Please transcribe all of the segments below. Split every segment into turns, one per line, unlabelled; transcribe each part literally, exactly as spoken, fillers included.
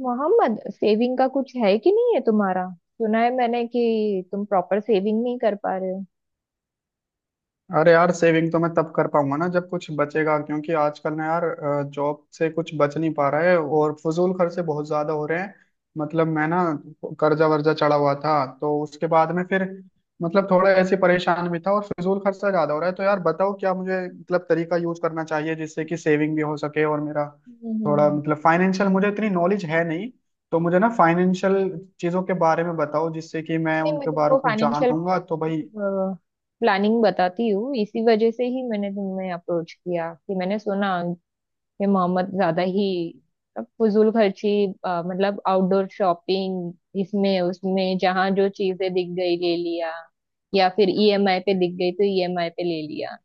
Mohammad, saving का कुछ है कि नहीं है तुम्हारा। सुना है मैंने कि तुम प्रॉपर सेविंग नहीं कर पा रहे हो।
अरे यार, सेविंग तो मैं तब कर पाऊंगा ना जब कुछ बचेगा, क्योंकि आजकल ना यार जॉब से कुछ बच नहीं पा रहा है और फजूल खर्चे बहुत ज्यादा हो रहे हैं। मतलब, मैं ना कर्जा वर्जा चढ़ा हुआ था तो उसके बाद में फिर, मतलब थोड़ा ऐसे परेशान भी था और फिजूल खर्चा ज्यादा हो रहा है। तो यार बताओ क्या मुझे, मतलब, तरीका यूज करना चाहिए जिससे कि सेविंग भी हो सके और मेरा
हम्म
थोड़ा,
हम्म।
मतलब, फाइनेंशियल, मुझे इतनी नॉलेज है नहीं। तो मुझे ना फाइनेंशियल चीजों के बारे में बताओ, जिससे कि मैं
नहीं, मैं
उनके बारे
तुमको
को
फाइनेंशियल
जानूंगा तो भाई।
प्लानिंग बताती हूँ। इसी वजह से ही मैंने तुम्हें अप्रोच किया कि मैंने सुना कि मोहम्मद ज्यादा ही फजूल खर्ची, अ, मतलब आउटडोर शॉपिंग, इसमें उसमें जहाँ जो चीजें दिख गई ले लिया या फिर ईएमआई पे दिख गई तो ईएमआई पे ले लिया।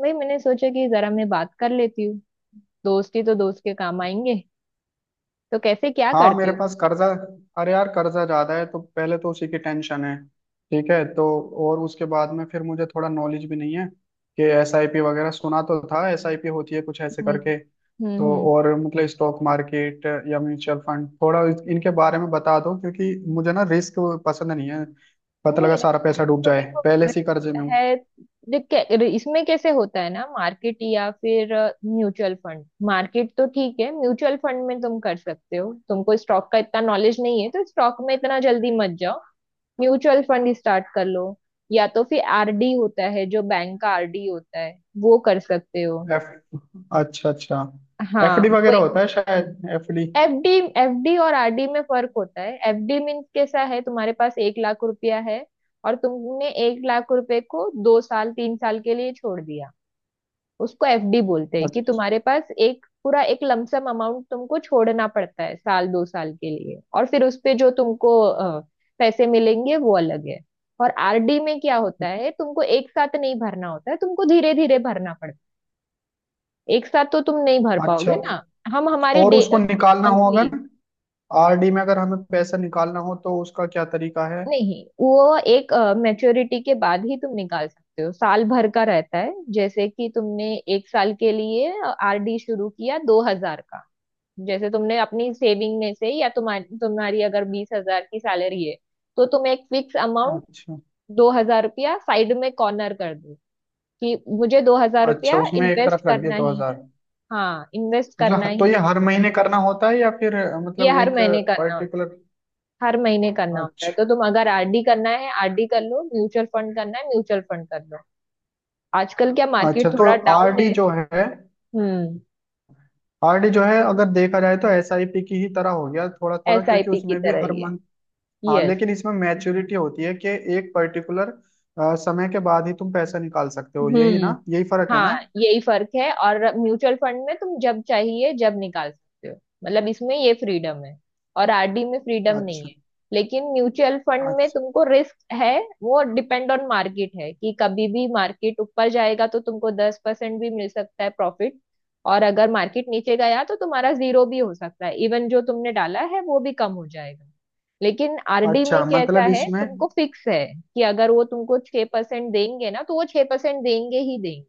वही मैंने सोचा कि जरा मैं बात कर लेती हूँ, दोस्ती तो दोस्त के काम आएंगे। तो कैसे क्या
हाँ,
करते
मेरे
हो?
पास कर्जा अरे यार कर्जा ज्यादा है तो पहले तो उसी की टेंशन है। ठीक है, तो और उसके बाद में फिर मुझे थोड़ा नॉलेज भी नहीं है कि एस आई पी वगैरह, सुना तो था एस आई पी होती है कुछ ऐसे
हम्म
करके।
हम्म
तो
हम्म।
और, मतलब, स्टॉक मार्केट या म्यूचुअल फंड, थोड़ा इस- इनके बारे में बता दो, क्योंकि मुझे ना रिस्क पसंद नहीं है। पता
नहीं
लगा
rent,
सारा पैसा डूब
तो
जाए,
देखो
पहले से ही कर्जे
rent
में हूँ।
है। देख कै- इसमें कैसे होता है ना मार्केट या फिर म्यूचुअल फंड। मार्केट तो ठीक है, म्यूचुअल फंड में तुम कर सकते हो। तुमको स्टॉक का इतना नॉलेज नहीं है तो स्टॉक में इतना जल्दी मत जाओ। म्यूचुअल फंड स्टार्ट कर लो, या तो फिर आरडी होता है, जो बैंक का आरडी होता है वो कर सकते हो।
एफ अच्छा, अच्छा। एफ
हाँ
डी
वो
वगैरह होता है शायद, एफ डी।
एफडी। एफडी और आरडी में फर्क होता है। एफडी मीन्स कैसा है, तुम्हारे पास एक लाख रुपया है और तुमने एक लाख रुपए को दो साल तीन साल के लिए छोड़ दिया, उसको एफडी बोलते हैं। कि तुम्हारे पास एक पूरा एक लमसम अमाउंट तुमको छोड़ना पड़ता है साल दो साल के लिए, और फिर उस पे जो तुमको अ, पैसे मिलेंगे वो अलग है। और आरडी में क्या होता है, तुमको एक साथ नहीं भरना होता है, तुमको धीरे धीरे भरना पड़ता है। एक साथ तो तुम नहीं भर
अच्छा।
पाओगे ना। हम हमारी
और उसको निकालना हो अगर
मंथली।
आरडी में अगर हमें पैसा निकालना हो तो उसका क्या तरीका है?
नहीं वो एक मैच्योरिटी के बाद ही तुम निकाल सकते हो, साल भर का रहता है। जैसे कि तुमने एक साल के लिए आरडी शुरू किया दो हजार का। जैसे तुमने अपनी सेविंग में से, या तुम्हारी तुम्हारी अगर बीस हजार की सैलरी है तो तुम एक फिक्स अमाउंट
अच्छा।
दो हजार रुपया साइड में कॉर्नर कर दो कि मुझे दो हजार
अच्छा,
रुपया
उसमें एक
इन्वेस्ट
तरफ रख दिया
करना
दो
ही है।
हजार
हाँ इन्वेस्ट करना
मतलब तो
ही
ये
है,
हर महीने करना होता है, या फिर अ,
ये
मतलब
हर
एक
महीने करना होता
पर्टिकुलर।
है। हर महीने करना होता है।
अच्छा।
तो तुम अगर आरडी करना है आरडी कर लो, म्यूचुअल फंड करना है म्यूचुअल फंड कर लो। आजकल क्या
अच्छा,
मार्केट
तो
थोड़ा डाउन
आरडी
है।
जो है,
हम्म।
आरडी जो है अगर देखा जाए तो एसआईपी की ही तरह हो गया थोड़ा थोड़ा, क्योंकि
एसआईपी की
उसमें भी
तरह
हर
ही है।
मंथ। हाँ,
यस।
लेकिन इसमें मैच्योरिटी होती है कि एक पर्टिकुलर समय के बाद ही तुम पैसा निकाल सकते हो, यही
हम्म।
ना, यही फर्क है
हाँ
ना?
यही फर्क है, और म्यूचुअल फंड में तुम जब चाहिए जब निकाल सकते हो, मतलब इसमें ये फ्रीडम है। और आरडी में फ्रीडम नहीं
अच्छा।
है। लेकिन म्यूचुअल फंड में
अच्छा।
तुमको रिस्क है, वो डिपेंड ऑन मार्केट है। कि कभी भी मार्केट ऊपर जाएगा तो तुमको दस परसेंट भी मिल सकता है प्रॉफिट। और अगर मार्केट नीचे गया तो तुम्हारा जीरो भी हो सकता है, इवन जो तुमने डाला है वो भी कम हो जाएगा। लेकिन आरडी
अच्छा,
में कैसा
मतलब
है,
इसमें।
तुमको फिक्स है। कि अगर वो तुमको छह परसेंट देंगे ना तो वो छह परसेंट देंगे ही देंगे।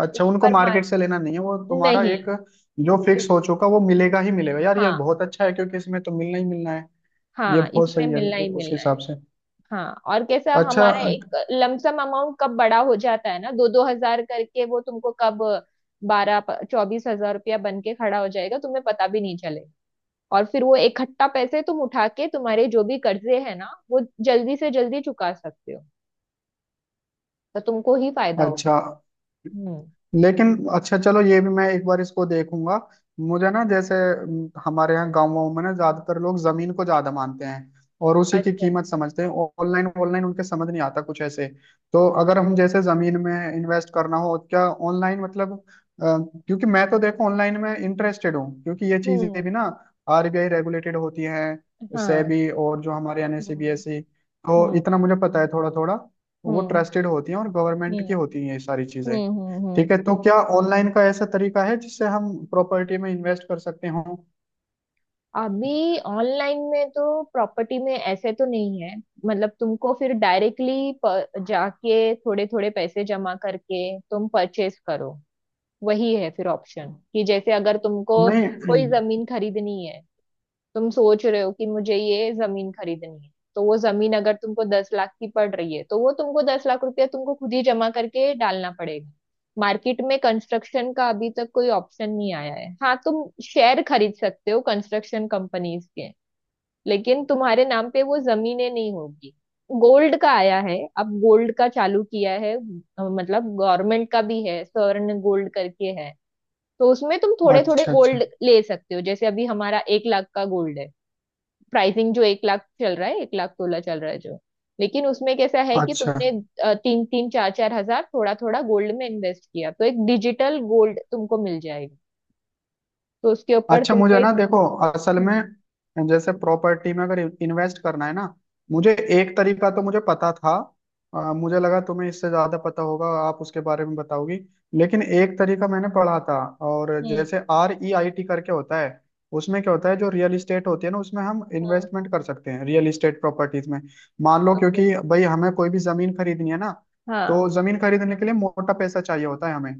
अच्छा, उनको
ऊपर मार
मार्केट से लेना नहीं है, वो तुम्हारा
नहीं।
एक जो फिक्स हो
बिल्कुल,
चुका वो मिलेगा ही मिलेगा। यार ये
हाँ।
बहुत अच्छा है क्योंकि इसमें तो मिलना ही मिलना है। ये
हाँ
बहुत
इसमें
सही है
मिलना ही
उ- उस
मिलना है।
हिसाब से।
हाँ और कैसा,
अच्छा।
हमारा एक लमसम अमाउंट कब बड़ा हो जाता है ना, दो दो हजार करके वो तुमको कब बारह चौबीस हजार रुपया बन के खड़ा हो जाएगा तुम्हें पता भी नहीं चलेगा। और फिर वो इकट्ठा पैसे तुम उठा के तुम्हारे जो भी कर्जे है ना वो जल्दी से जल्दी चुका सकते हो, तो तुमको ही फायदा होगा।
अच्छा।
हम्म।
लेकिन अच्छा, चलो ये भी मैं एक बार इसको देखूंगा। मुझे ना, जैसे अम, हमारे यहाँ गाँव वाँव में ना ज्यादातर लोग जमीन को ज्यादा मानते हैं और उसी की
अच्छा।
कीमत समझते हैं। ऑनलाइन ऑनलाइन उनके समझ नहीं आता कुछ ऐसे। तो अगर हम जैसे जमीन में इन्वेस्ट करना हो, तो क्या ऑनलाइन, मतलब, अ, क्योंकि मैं तो देखो ऑनलाइन में इंटरेस्टेड हूँ, क्योंकि ये
हम्म।
चीजें भी ना आरबीआई रेगुलेटेड होती हैं,
हाँ।
सेबी और जो हमारे
हम्म
एनएसीबीएसई, तो
हम्म
इतना मुझे पता है थोड़ा थोड़ा। वो
हम्म
ट्रस्टेड होती हैं और गवर्नमेंट
हम्म।
की होती हैं ये सारी चीजें।
हम्म हम्म
ठीक
हम्म,
है, तो क्या ऑनलाइन का ऐसा तरीका है जिससे हम प्रॉपर्टी में इन्वेस्ट कर सकते हो?
अभी ऑनलाइन में तो प्रॉपर्टी में ऐसे तो नहीं है। मतलब तुमको फिर डायरेक्टली जाके थोड़े थोड़े पैसे जमा करके तुम परचेस करो, वही है फिर ऑप्शन। कि जैसे अगर तुमको
नहीं।
कोई जमीन खरीदनी है, तुम सोच रहे हो कि मुझे ये जमीन खरीदनी है तो वो जमीन अगर तुमको दस लाख की पड़ रही है तो वो तुमको दस लाख रुपया तुमको खुद ही जमा करके डालना पड़ेगा। मार्केट में कंस्ट्रक्शन का अभी तक कोई ऑप्शन नहीं आया है। हाँ तुम शेयर खरीद सकते हो कंस्ट्रक्शन कंपनीज के, लेकिन तुम्हारे नाम पे वो जमीनें नहीं होगी। गोल्ड का आया है, अब गोल्ड का चालू किया है। अ, मतलब गवर्नमेंट का भी है, स्वर्ण गोल्ड करके है। तो उसमें तुम थोड़े थोड़े
अच्छा। अच्छा।
गोल्ड ले सकते हो। जैसे अभी हमारा एक लाख का गोल्ड है, प्राइसिंग जो एक लाख चल रहा है, एक लाख सोलह चल रहा है जो। लेकिन उसमें कैसा है कि
अच्छा।
तुमने अ, तीन तीन चार चार हजार थोड़ा थोड़ा गोल्ड में इन्वेस्ट किया तो एक डिजिटल गोल्ड तुमको मिल जाएगा। तो उसके ऊपर
अच्छा,
तुमको
मुझे ना
एक,
देखो, असल
हम्म
में जैसे प्रॉपर्टी में अगर इन्वेस्ट करना है ना, मुझे एक तरीका तो मुझे पता था। अ, मुझे लगा तुम्हें इससे ज्यादा पता होगा, आप उसके बारे में बताओगी। लेकिन एक तरीका मैंने पढ़ा था, और
हम्म।
जैसे आर ई आई टी करके होता है। उसमें क्या होता है, जो रियल इस्टेट होती है ना, उसमें हम इन्वेस्टमेंट कर सकते हैं, रियल इस्टेट प्रॉपर्टीज में। मान लो,
ओके।
क्योंकि भाई हमें कोई भी जमीन खरीदनी है ना, तो
हाँ।
जमीन खरीदने के लिए मोटा पैसा चाहिए होता है हमें।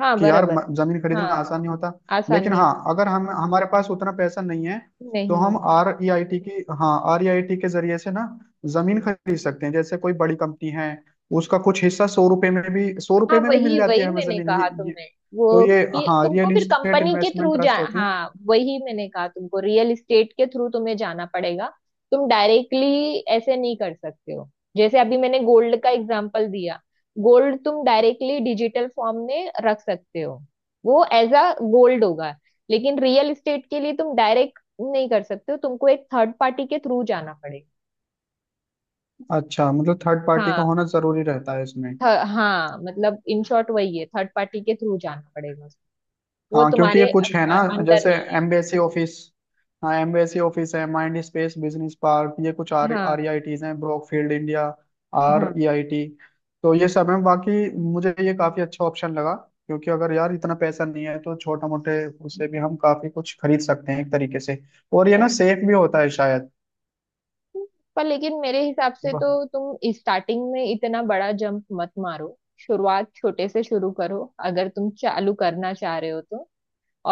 हाँ
कि यार
बराबर
म-
है।
जमीन खरीदना
हाँ
आसान नहीं होता।
आसान
लेकिन
नहीं।
हाँ, अगर हम, हमारे पास उतना पैसा नहीं है,
हो- नहीं
तो हम
है।
आर ई आई टी की हाँ, आर ई आई टी के जरिए से ना जमीन खरीद सकते हैं। जैसे कोई बड़ी कंपनी है, उसका कुछ हिस्सा सौ रुपए में भी, सौ रुपए
हाँ
में भी मिल
वही
जाती है
वही
हमें
मैंने
जमीन,
कहा
ये ये
तुम्हें
तो
वो,
ये,
कि
हाँ,
तुमको
रियल
फिर
इस्टेट
कंपनी के
इन्वेस्टमेंट
थ्रू जा,
ट्रस्ट होते हैं।
हाँ वही मैंने कहा तुमको रियल इस्टेट के थ्रू तुम्हें जाना पड़ेगा। तुम डायरेक्टली ऐसे नहीं कर सकते हो। जैसे अभी मैंने गोल्ड का एग्जांपल दिया, गोल्ड तुम डायरेक्टली डिजिटल फॉर्म में रख सकते हो, वो एज अ गोल्ड होगा। लेकिन रियल इस्टेट के लिए तुम डायरेक्ट नहीं कर सकते हो, तुमको एक थर्ड पार्टी के थ्रू जाना पड़ेगा।
अच्छा, मतलब थर्ड पार्टी
हाँ,
का होना जरूरी रहता है इसमें।
थ- हाँ मतलब इन शॉर्ट वही है, थर्ड पार्टी के थ्रू जाना पड़ेगा, वो
हाँ, क्योंकि ये
तुम्हारे अ-
कुछ है ना,
अ- अंडर
जैसे
नहीं है।
MBSC office. हाँ, एमबीएससी ऑफिस है, माइंड स्पेस बिजनेस पार्क, ये कुछ आर आर
हाँ।
हैं, ब्रॉकफील्ड इंडिया आर
हाँ।
E I T. तो ये सब है बाकी। मुझे ये काफी अच्छा ऑप्शन लगा, क्योंकि अगर यार इतना पैसा नहीं है तो छोटा मोटे उससे भी हम काफी कुछ खरीद सकते हैं एक तरीके से। और ये ना सेफ भी होता है शायद।
पर लेकिन मेरे हिसाब से तो
ब-
तुम स्टार्टिंग में इतना बड़ा जंप मत मारो। शुरुआत छोटे से शुरू करो अगर तुम चालू करना चाह रहे हो तो।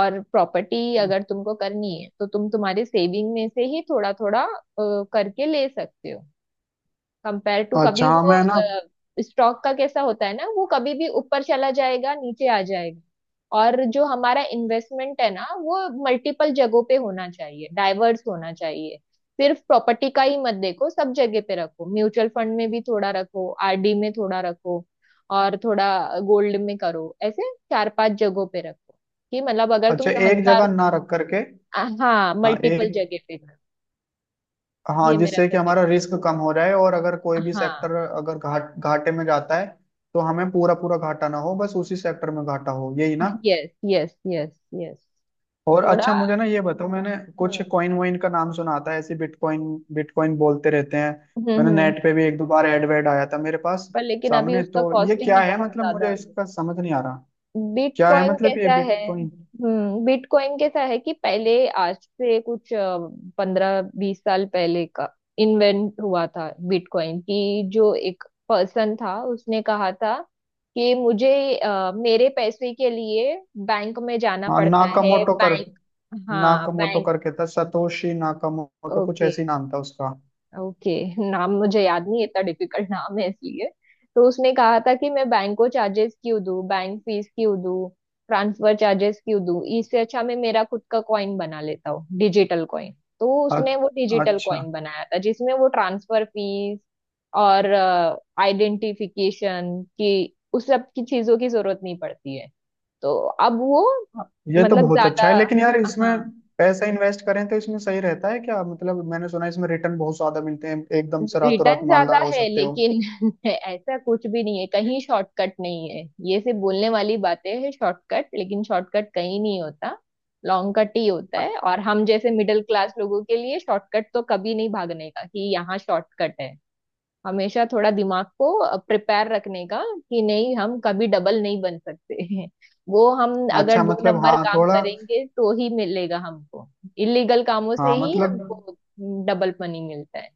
और प्रॉपर्टी अगर तुमको करनी है तो तुम तुम्हारे सेविंग में से ही थोड़ा थोड़ा करके ले सकते हो। कंपेयर टू कभी
अच्छा। हाँ,
वो
मैं ना,
स्टॉक का कैसा होता है ना, वो कभी भी ऊपर चला जाएगा नीचे आ जाएगा। और जो हमारा इन्वेस्टमेंट है ना वो मल्टीपल जगहों पे होना चाहिए, डाइवर्स होना चाहिए। सिर्फ प्रॉपर्टी का ही मत देखो, सब जगह पे रखो, म्यूचुअल फंड में भी थोड़ा रखो, आरडी में थोड़ा रखो, और थोड़ा गोल्ड में करो, ऐसे चार पांच जगहों पे रखो। कि मतलब अगर
अच्छा,
तुम
एक
हजार
जगह
रुपये,
ना रख करके,
हाँ
हाँ
मल्टीपल जगह
एक,
पे करो।
हाँ,
ये मेरा
जिससे कि हमारा
सजेशन।
रिस्क कम हो जाए, और अगर कोई भी
हाँ।
सेक्टर अगर घाट घाटे में जाता है तो हमें पूरा पूरा घाटा ना हो, बस उसी सेक्टर में घाटा हो, यही ना।
Yes yes yes. यस।
और
थोड़ा।
अच्छा, मुझे ना ये बताओ, मैंने कुछ
हम्म।
कॉइन वॉइन का नाम सुना था ऐसे, बिटकॉइन, बिटकॉइन बोलते रहते हैं।
हम्म
मैंने
हम्म,
नेट पे भी एक दो बार एड वेड आया था मेरे पास
पर लेकिन अभी
सामने,
उसका
तो ये क्या
कॉस्टिंग
है?
बहुत
मतलब
ज्यादा
मुझे
है।
इसका समझ नहीं आ रहा क्या है,
बिटकॉइन
मतलब ये
कैसा है,
बिटकॉइन।
हम्म, बिटकॉइन कैसा है कि पहले, आज से कुछ पंद्रह बीस साल पहले का इन्वेंट हुआ था बिटकॉइन। की जो एक पर्सन था उसने कहा था कि मुझे, अ, मेरे पैसे के लिए बैंक में जाना
हाँ,
पड़ता है,
नाकामोटो कर
बैंक। हाँ
नाकामोटो
बैंक।
करके था, सतोशी नाकामोटो कुछ
ओके।
ऐसी नाम था उसका।
ओके। नाम मुझे याद नहीं है, इतना डिफिकल्ट नाम है इसलिए। तो उसने कहा था कि मैं बैंक को चार्जेस क्यों दूं, बैंक फीस क्यों दूं, ट्रांसफर चार्जेस क्यों दूं, इससे अच्छा मैं मेरा खुद का कॉइन बना लेता हूँ, डिजिटल कॉइन। तो
अ-
उसने वो डिजिटल
अच्छा।
कॉइन बनाया था जिसमें वो ट्रांसफर फीस और आइडेंटिफिकेशन की, उस सब की चीजों की जरूरत नहीं पड़ती है। तो अब वो
ये तो
मतलब
बहुत अच्छा
ज्यादा,
है, लेकिन यार इसमें
हाँ
पैसा इन्वेस्ट करें तो इसमें सही रहता है क्या? मतलब मैंने सुना है इसमें रिटर्न बहुत ज्यादा मिलते हैं, एकदम से रातों रात
रिटर्न ज्यादा
मालदार हो
है
सकते हो।
लेकिन ऐसा कुछ भी नहीं है, कहीं शॉर्टकट नहीं है। ये सिर्फ बोलने वाली बातें हैं शॉर्टकट, लेकिन शॉर्टकट कहीं नहीं होता, लॉन्ग कट ही होता है। और हम जैसे मिडिल क्लास लोगों के लिए शॉर्टकट तो कभी नहीं, भागने का कि यहाँ शॉर्टकट है। हमेशा थोड़ा दिमाग को प्रिपेयर रखने का कि नहीं, हम कभी डबल नहीं बन सकते हैं। वो हम अगर
अच्छा,
दो
मतलब
नंबर
हाँ
काम
थोड़ा।
करेंगे तो ही मिलेगा हमको, इलीगल कामों से
हाँ,
ही
मतलब,
हमको डबल मनी मिलता है।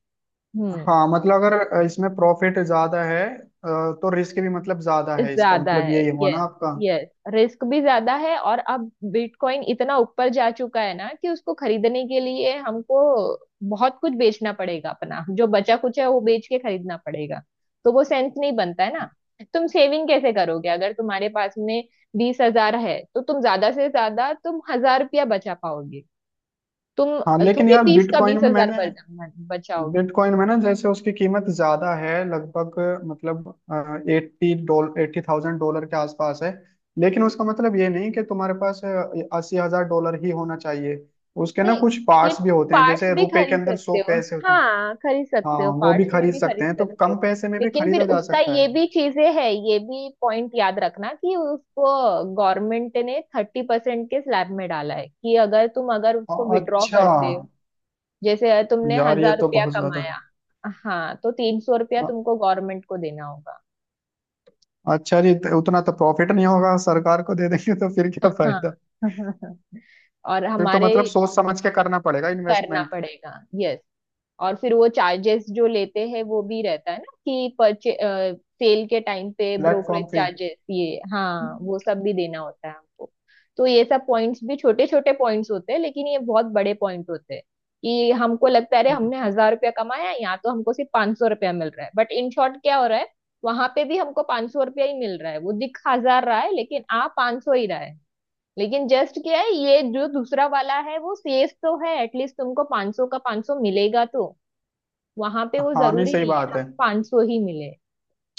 हम्म।
हाँ, मतलब अगर इसमें प्रॉफिट ज्यादा है अ, तो रिस्क भी, मतलब, ज्यादा है, इसका
ज्यादा
मतलब
है
यही हुआ ना
यस।
आपका?
यस। रिस्क भी ज्यादा है, और अब बिटकॉइन इतना ऊपर जा चुका है ना कि उसको खरीदने के लिए हमको बहुत कुछ बेचना पड़ेगा, अपना जो बचा कुछ है वो बेच के खरीदना पड़ेगा। तो वो सेंस नहीं बनता है ना। तुम सेविंग कैसे करोगे अगर तुम्हारे पास में बीस हजार है, तो तुम ज्यादा से ज्यादा तुम हजार रुपया बचा पाओगे। तुम
हाँ, लेकिन
थोड़ी
यार,
बीस का बीस
बिटकॉइन में
हजार
मैंने
बचाओगे।
बिटकॉइन में ना जैसे उसकी कीमत ज्यादा है लगभग, मतलब eighty dollar eighty thousand dollar के आसपास है। लेकिन उसका मतलब ये नहीं कि तुम्हारे पास अस्सी हजार डॉलर ही होना चाहिए। उसके ना
नहीं
कुछ
ये
पार्ट्स भी होते हैं,
पार्ट्स
जैसे
भी
रुपए के
खरीद
अंदर
सकते
सौ
हो,
पैसे होते हैं।
हाँ खरीद
हाँ,
सकते हो,
वो भी
पार्ट्स में
खरीद
भी
सकते
खरीद
हैं, तो
सकते हो।
कम पैसे में भी
लेकिन फिर
खरीदा जा
उसका
सकता है।
ये भी चीजें है, ये भी पॉइंट याद रखना कि उसको गवर्नमेंट ने थर्टी परसेंट के स्लैब में डाला है। कि अगर तुम अगर
अ-
उसको विड्रॉ
अच्छा,
करते हो, जैसे तुमने
यार ये
हजार
तो
रुपया
बहुत ज्यादा।
कमाया, हाँ तो तीन सौ रुपया
अ-
तुमको गवर्नमेंट को देना होगा।
अच्छा जी, तो उतना तो प्रॉफिट नहीं होगा, सरकार को दे देंगे तो फिर क्या
हाँ
फायदा।
और
फिर तो,
हमारे,
मतलब, सोच समझ के करना पड़ेगा
करना
इन्वेस्टमेंट।
पड़ेगा यस। और फिर वो चार्जेस जो लेते हैं वो भी रहता है ना, कि परचे सेल के टाइम पे
प्लेटफॉर्म
ब्रोकरेज
फी।
चार्जेस, ये हाँ वो सब भी देना होता है हमको। तो ये सब पॉइंट्स भी, छोटे छोटे पॉइंट्स होते हैं लेकिन ये बहुत बड़े पॉइंट होते हैं। कि हमको लगता है अरे हमने हजार रुपया कमाया यहाँ तो हमको सिर्फ पांच सौ रुपया मिल रहा है, बट इन शॉर्ट क्या हो रहा है, वहां पे भी हमको पांच सौ रुपया ही मिल रहा है। वो दिख हजार रहा है लेकिन आ पांच सौ ही रहा है। लेकिन जस्ट क्या है, ये जो दूसरा वाला है वो सेफ तो है, एटलीस्ट तुमको पाँच सौ का पाँच सौ मिलेगा तो। वहां पे वो
हाँ, नहीं,
जरूरी
सही
नहीं है
बात
ना
है।
पाँच सौ ही मिले।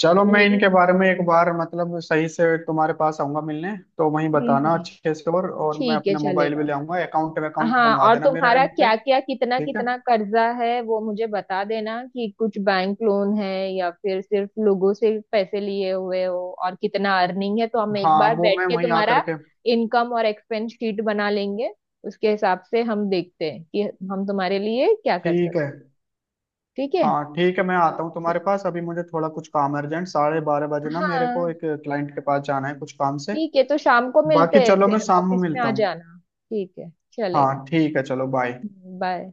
चलो, मैं
मेरी
इनके
तो,
बारे में एक बार, मतलब, सही से तुम्हारे पास आऊंगा मिलने, तो वहीं
हम्म
बताना
हम्म,
अच्छे से। और और मैं
ठीक है
अपना मोबाइल भी
चलेगा।
ले आऊंगा, अकाउंट अकाउंट
हाँ
बनवा
और
देना मेरा
तुम्हारा
इन पे।
क्या क्या कितना
ठीक है।
कितना कर्जा है वो मुझे बता देना, कि कुछ बैंक लोन है या फिर सिर्फ लोगों से पैसे लिए हुए हो, और कितना अर्निंग है, तो हम एक
हाँ,
बार
वो
बैठ
मैं
के
वहीं आ
तुम्हारा
करके।
इनकम और एक्सपेंस शीट बना लेंगे। उसके हिसाब से हम देखते हैं कि हम तुम्हारे लिए क्या कर
ठीक
सकते।
है।
ठीक है।
हाँ, ठीक है, मैं आता हूँ तुम्हारे पास। अभी मुझे थोड़ा कुछ काम अर्जेंट, साढ़े बारह बजे ना मेरे को
हाँ
एक क्लाइंट के पास जाना है कुछ काम से।
ठीक है तो शाम को
बाकी
मिलते हैं,
चलो, मैं
फिर
शाम में
ऑफिस में
मिलता
आ
हूँ।
जाना। ठीक है चलेगा।
हाँ ठीक है, चलो बाय।
बाय।